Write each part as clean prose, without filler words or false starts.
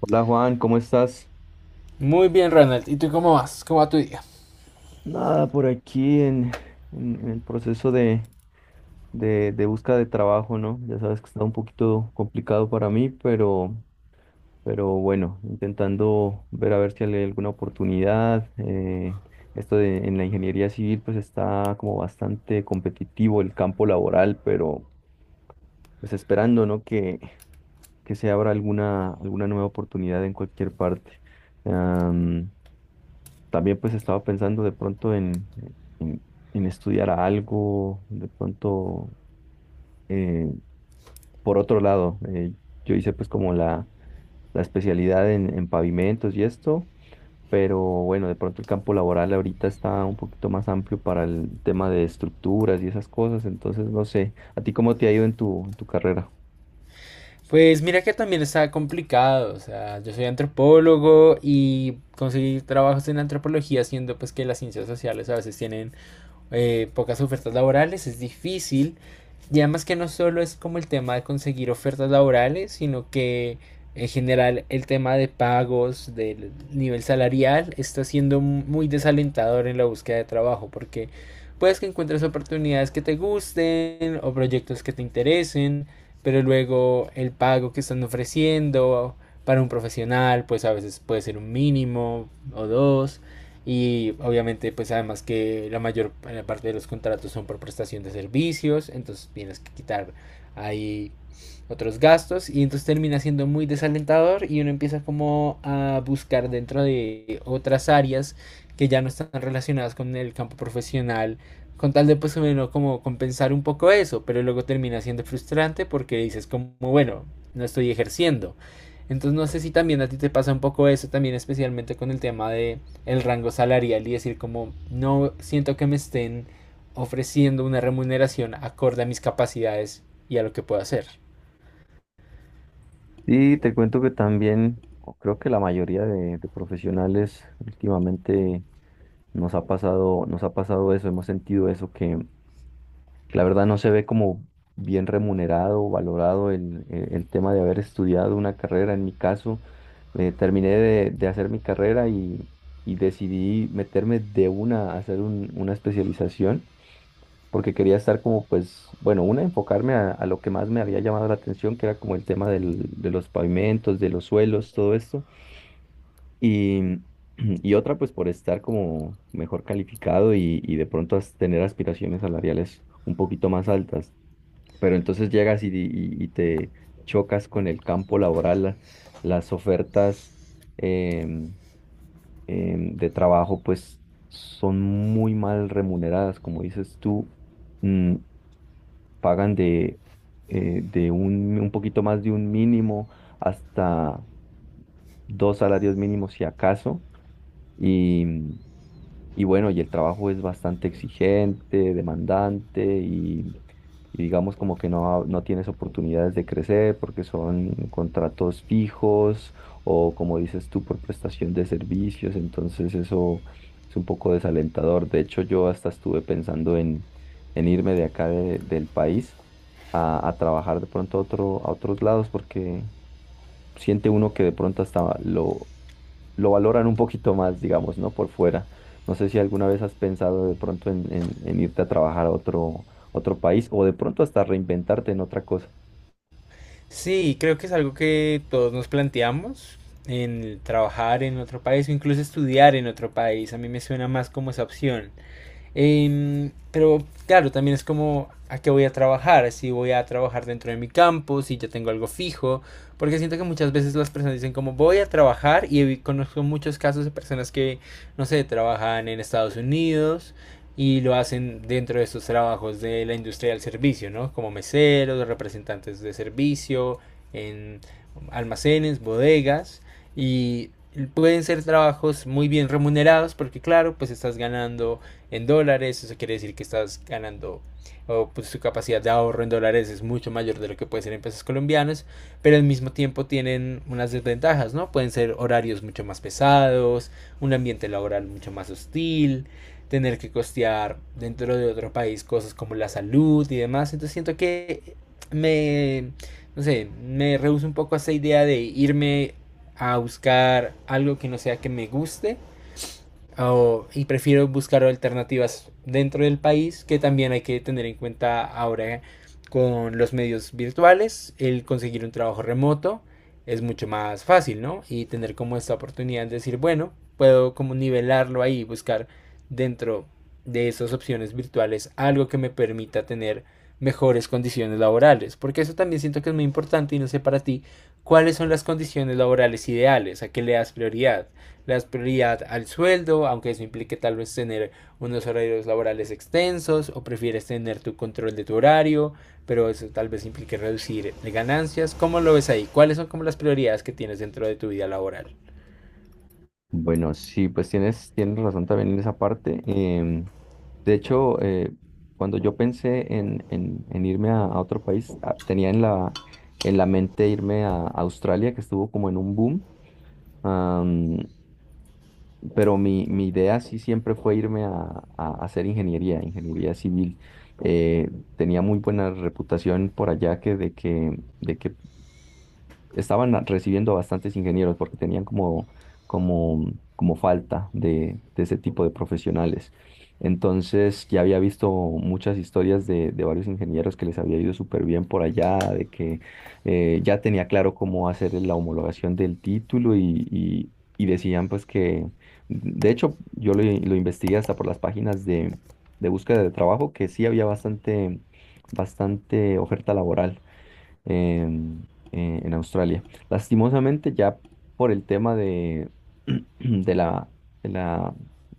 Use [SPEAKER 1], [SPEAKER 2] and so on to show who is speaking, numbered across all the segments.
[SPEAKER 1] Hola Juan, ¿cómo estás?
[SPEAKER 2] Muy bien, Ronald. ¿Y tú cómo vas? ¿Cómo va tu día?
[SPEAKER 1] Nada, por aquí en el proceso de búsqueda de trabajo, ¿no? Ya sabes que está un poquito complicado para mí, pero bueno, intentando ver a ver si hay alguna oportunidad. En la ingeniería civil pues está como bastante competitivo el campo laboral, pero pues esperando, ¿no? Que se abra alguna nueva oportunidad en cualquier parte. También pues estaba pensando de pronto en, en estudiar algo, de pronto, eh, por otro lado, yo hice pues como la especialidad en pavimentos y esto, pero bueno, de pronto el campo laboral ahorita está un poquito más amplio para el tema de estructuras y esas cosas, entonces no sé, ¿a ti cómo te ha ido en tu carrera?
[SPEAKER 2] Pues mira que también está complicado, o sea, yo soy antropólogo y conseguir trabajos en antropología siendo pues que las ciencias sociales a veces tienen pocas ofertas laborales, es difícil. Y además que no solo es como el tema de conseguir ofertas laborales, sino que en general el tema de pagos, del nivel salarial, está siendo muy desalentador en la búsqueda de trabajo, porque puedes que encuentres oportunidades que te gusten o proyectos que te interesen, pero luego el pago que están ofreciendo para un profesional, pues a veces puede ser un mínimo o dos. Y obviamente, pues además que la mayor parte de los contratos son por prestación de servicios, entonces tienes que quitar ahí otros gastos y entonces termina siendo muy desalentador y uno empieza como a buscar dentro de otras áreas que ya no están relacionadas con el campo profesional con tal de pues o menos como compensar un poco eso, pero luego termina siendo frustrante porque dices como bueno, no estoy ejerciendo, entonces no sé si también a ti te pasa un poco eso también, especialmente con el tema de el rango salarial y decir como no siento que me estén ofreciendo una remuneración acorde a mis capacidades y a lo que puedo hacer.
[SPEAKER 1] Sí te cuento que también, o creo que la mayoría de profesionales últimamente nos ha pasado eso, hemos sentido eso, que la verdad no se ve como bien remunerado o valorado el tema de haber estudiado una carrera. En mi caso, terminé de hacer mi carrera y decidí meterme de una a hacer una especialización porque quería estar como, pues, bueno, enfocarme a lo que más me había llamado la atención, que era como el tema de los pavimentos, de los suelos, todo esto. Y, otra, pues, por estar como mejor calificado y de pronto tener aspiraciones salariales un poquito más altas, pero entonces llegas y te chocas con el campo laboral, las ofertas em, de trabajo pues son muy mal remuneradas, como dices tú. mm, Pagan de un poquito más de un mínimo hasta dos salarios mínimos si acaso. Y bueno, y el trabajo es bastante exigente, demandante, y digamos como que no tienes oportunidades de crecer porque son contratos fijos o como dices tú, por prestación de servicios. Entonces eso es un poco desalentador. De hecho, yo hasta estuve pensando en irme de acá del país a trabajar de pronto a otros lados porque siente uno que de pronto hasta lo valoran un poquito más, digamos, ¿no? Por fuera. No sé si alguna vez has pensado de pronto en irte a trabajar a otro, otro país o de pronto hasta reinventarte en otra cosa.
[SPEAKER 2] Sí, creo que es algo que todos nos planteamos en trabajar en otro país o incluso estudiar en otro país. A mí me suena más como esa opción. Pero claro, también es como a qué voy a trabajar, si voy a trabajar dentro de mi campo, si ya tengo algo fijo, porque siento que muchas veces las personas dicen como voy a trabajar y conozco muchos casos de personas que, no sé, trabajan en Estados Unidos y lo hacen dentro de estos trabajos de la industria del servicio, ¿no? Como meseros, representantes de servicio, en almacenes, bodegas, y pueden ser trabajos muy bien remunerados porque claro, pues estás ganando en dólares, eso quiere decir que estás ganando, o pues su capacidad de ahorro en dólares es mucho mayor de lo que puede ser en pesos colombianos, pero al mismo tiempo tienen unas desventajas, ¿no? Pueden ser horarios mucho más pesados, un ambiente laboral mucho más hostil, tener que costear dentro de otro país cosas como la salud y demás, entonces siento que me, no sé, me rehuso un poco a esa idea de irme a buscar algo que no sea que me guste. Ah, o y prefiero buscar alternativas dentro del país, que también hay que tener en cuenta ahora con los medios virtuales. El conseguir un trabajo remoto es mucho más fácil, ¿no? Y tener como esta oportunidad de decir, bueno, puedo como nivelarlo ahí, buscar dentro de esas opciones virtuales algo que me permita tener mejores condiciones laborales, porque eso también siento que es muy importante, y no sé para ti cuáles son las condiciones laborales ideales, a qué le das prioridad, las prioridad al sueldo, aunque eso implique tal vez tener unos horarios laborales extensos, o prefieres tener tu control de tu horario, pero eso tal vez implique reducir ganancias. ¿Cómo lo ves ahí? ¿Cuáles son como las prioridades que tienes dentro de tu vida laboral?
[SPEAKER 1] Bueno, sí, pues tienes razón también en esa parte. De hecho, cuando yo pensé en irme a otro país, ah, tenía en la mente irme a Australia, que estuvo como en un boom. Pero mi idea sí siempre fue irme a hacer ingeniería civil. Eh, Tenía muy buena reputación por allá, de que estaban recibiendo bastantes ingenieros porque tenían como falta de ese tipo de profesionales. Entonces ya había visto muchas historias de varios ingenieros que les había ido súper bien por allá, de que ya tenía claro cómo hacer la homologación del título, y decían pues de hecho yo lo investigué hasta por las páginas de búsqueda de trabajo, que sí había bastante oferta laboral en, en Australia. Lastimosamente, ya por el tema de, de la, de la,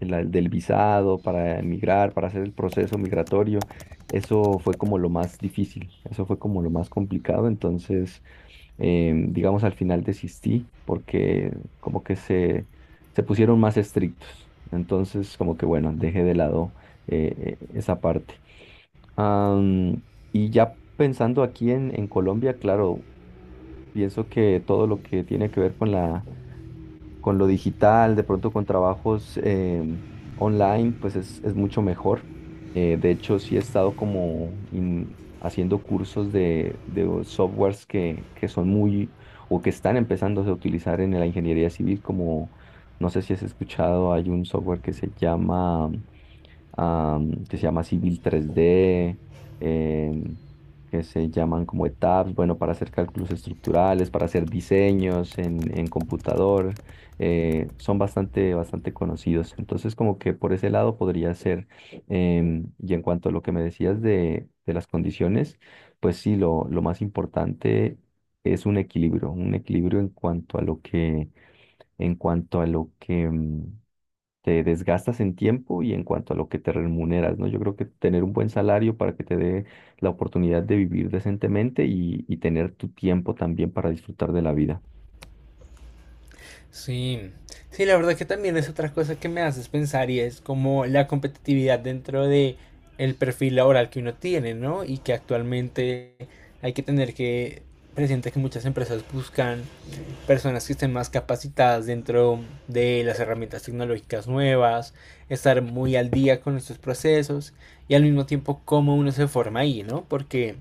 [SPEAKER 1] del visado para emigrar, para hacer el proceso migratorio, eso fue como lo más difícil, eso fue como lo más complicado. Entonces, digamos, al final desistí porque como que se pusieron más estrictos. Entonces, como que bueno, dejé de lado esa parte. Am, y ya pensando aquí en Colombia, claro, pienso que todo lo que tiene que ver con lo digital, de pronto con trabajos online, pues es mucho mejor. De hecho, sí he estado como haciendo cursos de softwares que son muy o que están empezando a utilizar en la ingeniería civil, como no sé si has escuchado, hay un software que que se llama Civil 3D, em, que se llaman como ETABS, bueno, para hacer cálculos estructurales, para hacer diseños en computador. Son bastante, bastante conocidos. Entonces, como que por ese lado podría ser. Y en cuanto a lo que me decías de las condiciones, pues sí, lo más importante es un equilibrio, en cuanto a lo que te desgastas en tiempo y en cuanto a lo que te remuneras, ¿no? Yo creo que tener un buen salario para que te dé la oportunidad de vivir decentemente, y tener tu tiempo también para disfrutar de la vida.
[SPEAKER 2] Sí, sí, la verdad que también es otra cosa que me haces pensar y es como la competitividad dentro de el perfil laboral que uno tiene, ¿no? Y que actualmente hay que tener que presente que muchas empresas buscan personas que estén más capacitadas dentro de las herramientas tecnológicas nuevas, estar muy al día con estos procesos, y al mismo tiempo cómo uno se forma ahí, ¿no? Porque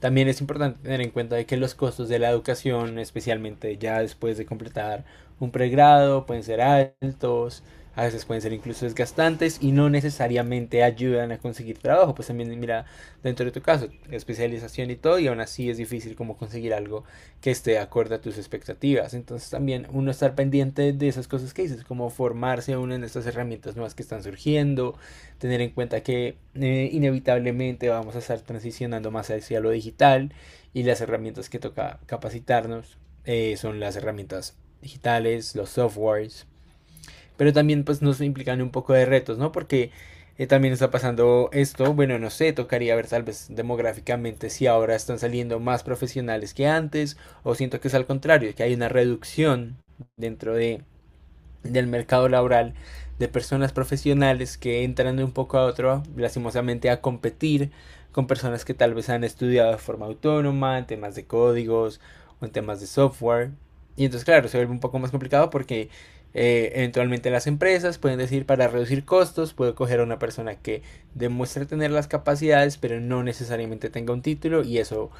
[SPEAKER 2] también es importante tener en cuenta de que los costos de la educación, especialmente ya después de completar un pregrado, pueden ser altos, a veces pueden ser incluso desgastantes y no necesariamente ayudan a conseguir trabajo. Pues también mira, dentro de tu caso, especialización y todo, y aún así es difícil como conseguir algo que esté acorde a tus expectativas. Entonces también uno estar pendiente de esas cosas que dices, como formarse uno en estas herramientas nuevas que están surgiendo, tener en cuenta que inevitablemente vamos a estar transicionando más hacia lo digital y las herramientas que toca capacitarnos son las herramientas digitales, los softwares, pero también pues nos implican un poco de retos, ¿no? Porque también está pasando esto, bueno, no sé, tocaría ver tal vez demográficamente si ahora están saliendo más profesionales que antes, o siento que es al contrario, que hay una reducción dentro de del mercado laboral de personas profesionales que entran de un poco a otro, lastimosamente, a competir con personas que tal vez han estudiado de forma autónoma, en temas de códigos o en temas de software. Y entonces, claro, se vuelve un poco más complicado porque eventualmente las empresas pueden decir para reducir costos, puedo coger a una persona que demuestre tener las capacidades, pero no necesariamente tenga un título, y eso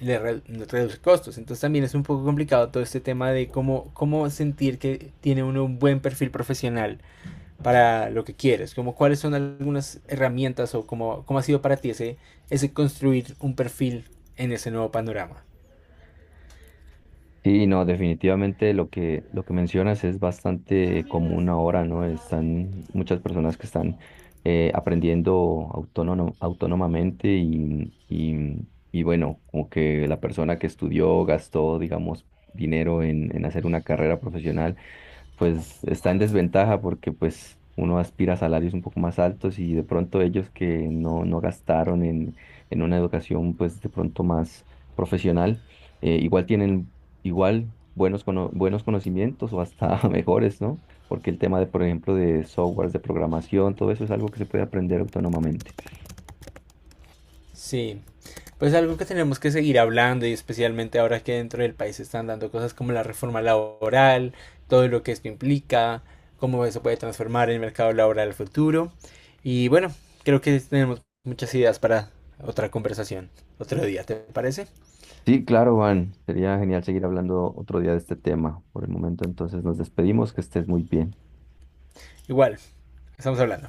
[SPEAKER 2] reduce costos. Entonces también es un poco complicado todo este tema de cómo, cómo sentir que tiene uno un buen perfil profesional para lo que quieres, como cuáles son algunas herramientas o cómo, cómo ha sido para ti ese construir un perfil en ese nuevo panorama.
[SPEAKER 1] Sí, no, definitivamente lo que mencionas es bastante común ahora, ¿no? Están muchas personas que están aprendiendo autónomamente, y bueno, como que la persona que estudió gastó, digamos, dinero en hacer una carrera profesional pues está en desventaja porque pues uno aspira a salarios un poco más altos, y de pronto ellos que no gastaron en una educación pues de pronto más profesional, igual tienen igual buenos conocimientos o hasta mejores, ¿no? Porque el tema de, por ejemplo, de softwares, de programación, todo eso es algo que se puede aprender autónomamente.
[SPEAKER 2] Sí, pues algo que tenemos que seguir hablando y especialmente ahora que dentro del país se están dando cosas como la reforma laboral, todo lo que esto implica, cómo eso puede transformar el mercado laboral al futuro. Y bueno, creo que tenemos muchas ideas para otra conversación otro día, ¿te parece?
[SPEAKER 1] Sí, claro, Juan, sería genial seguir hablando otro día de este tema. Por el momento entonces nos despedimos, que estés muy bien.
[SPEAKER 2] Igual, estamos hablando.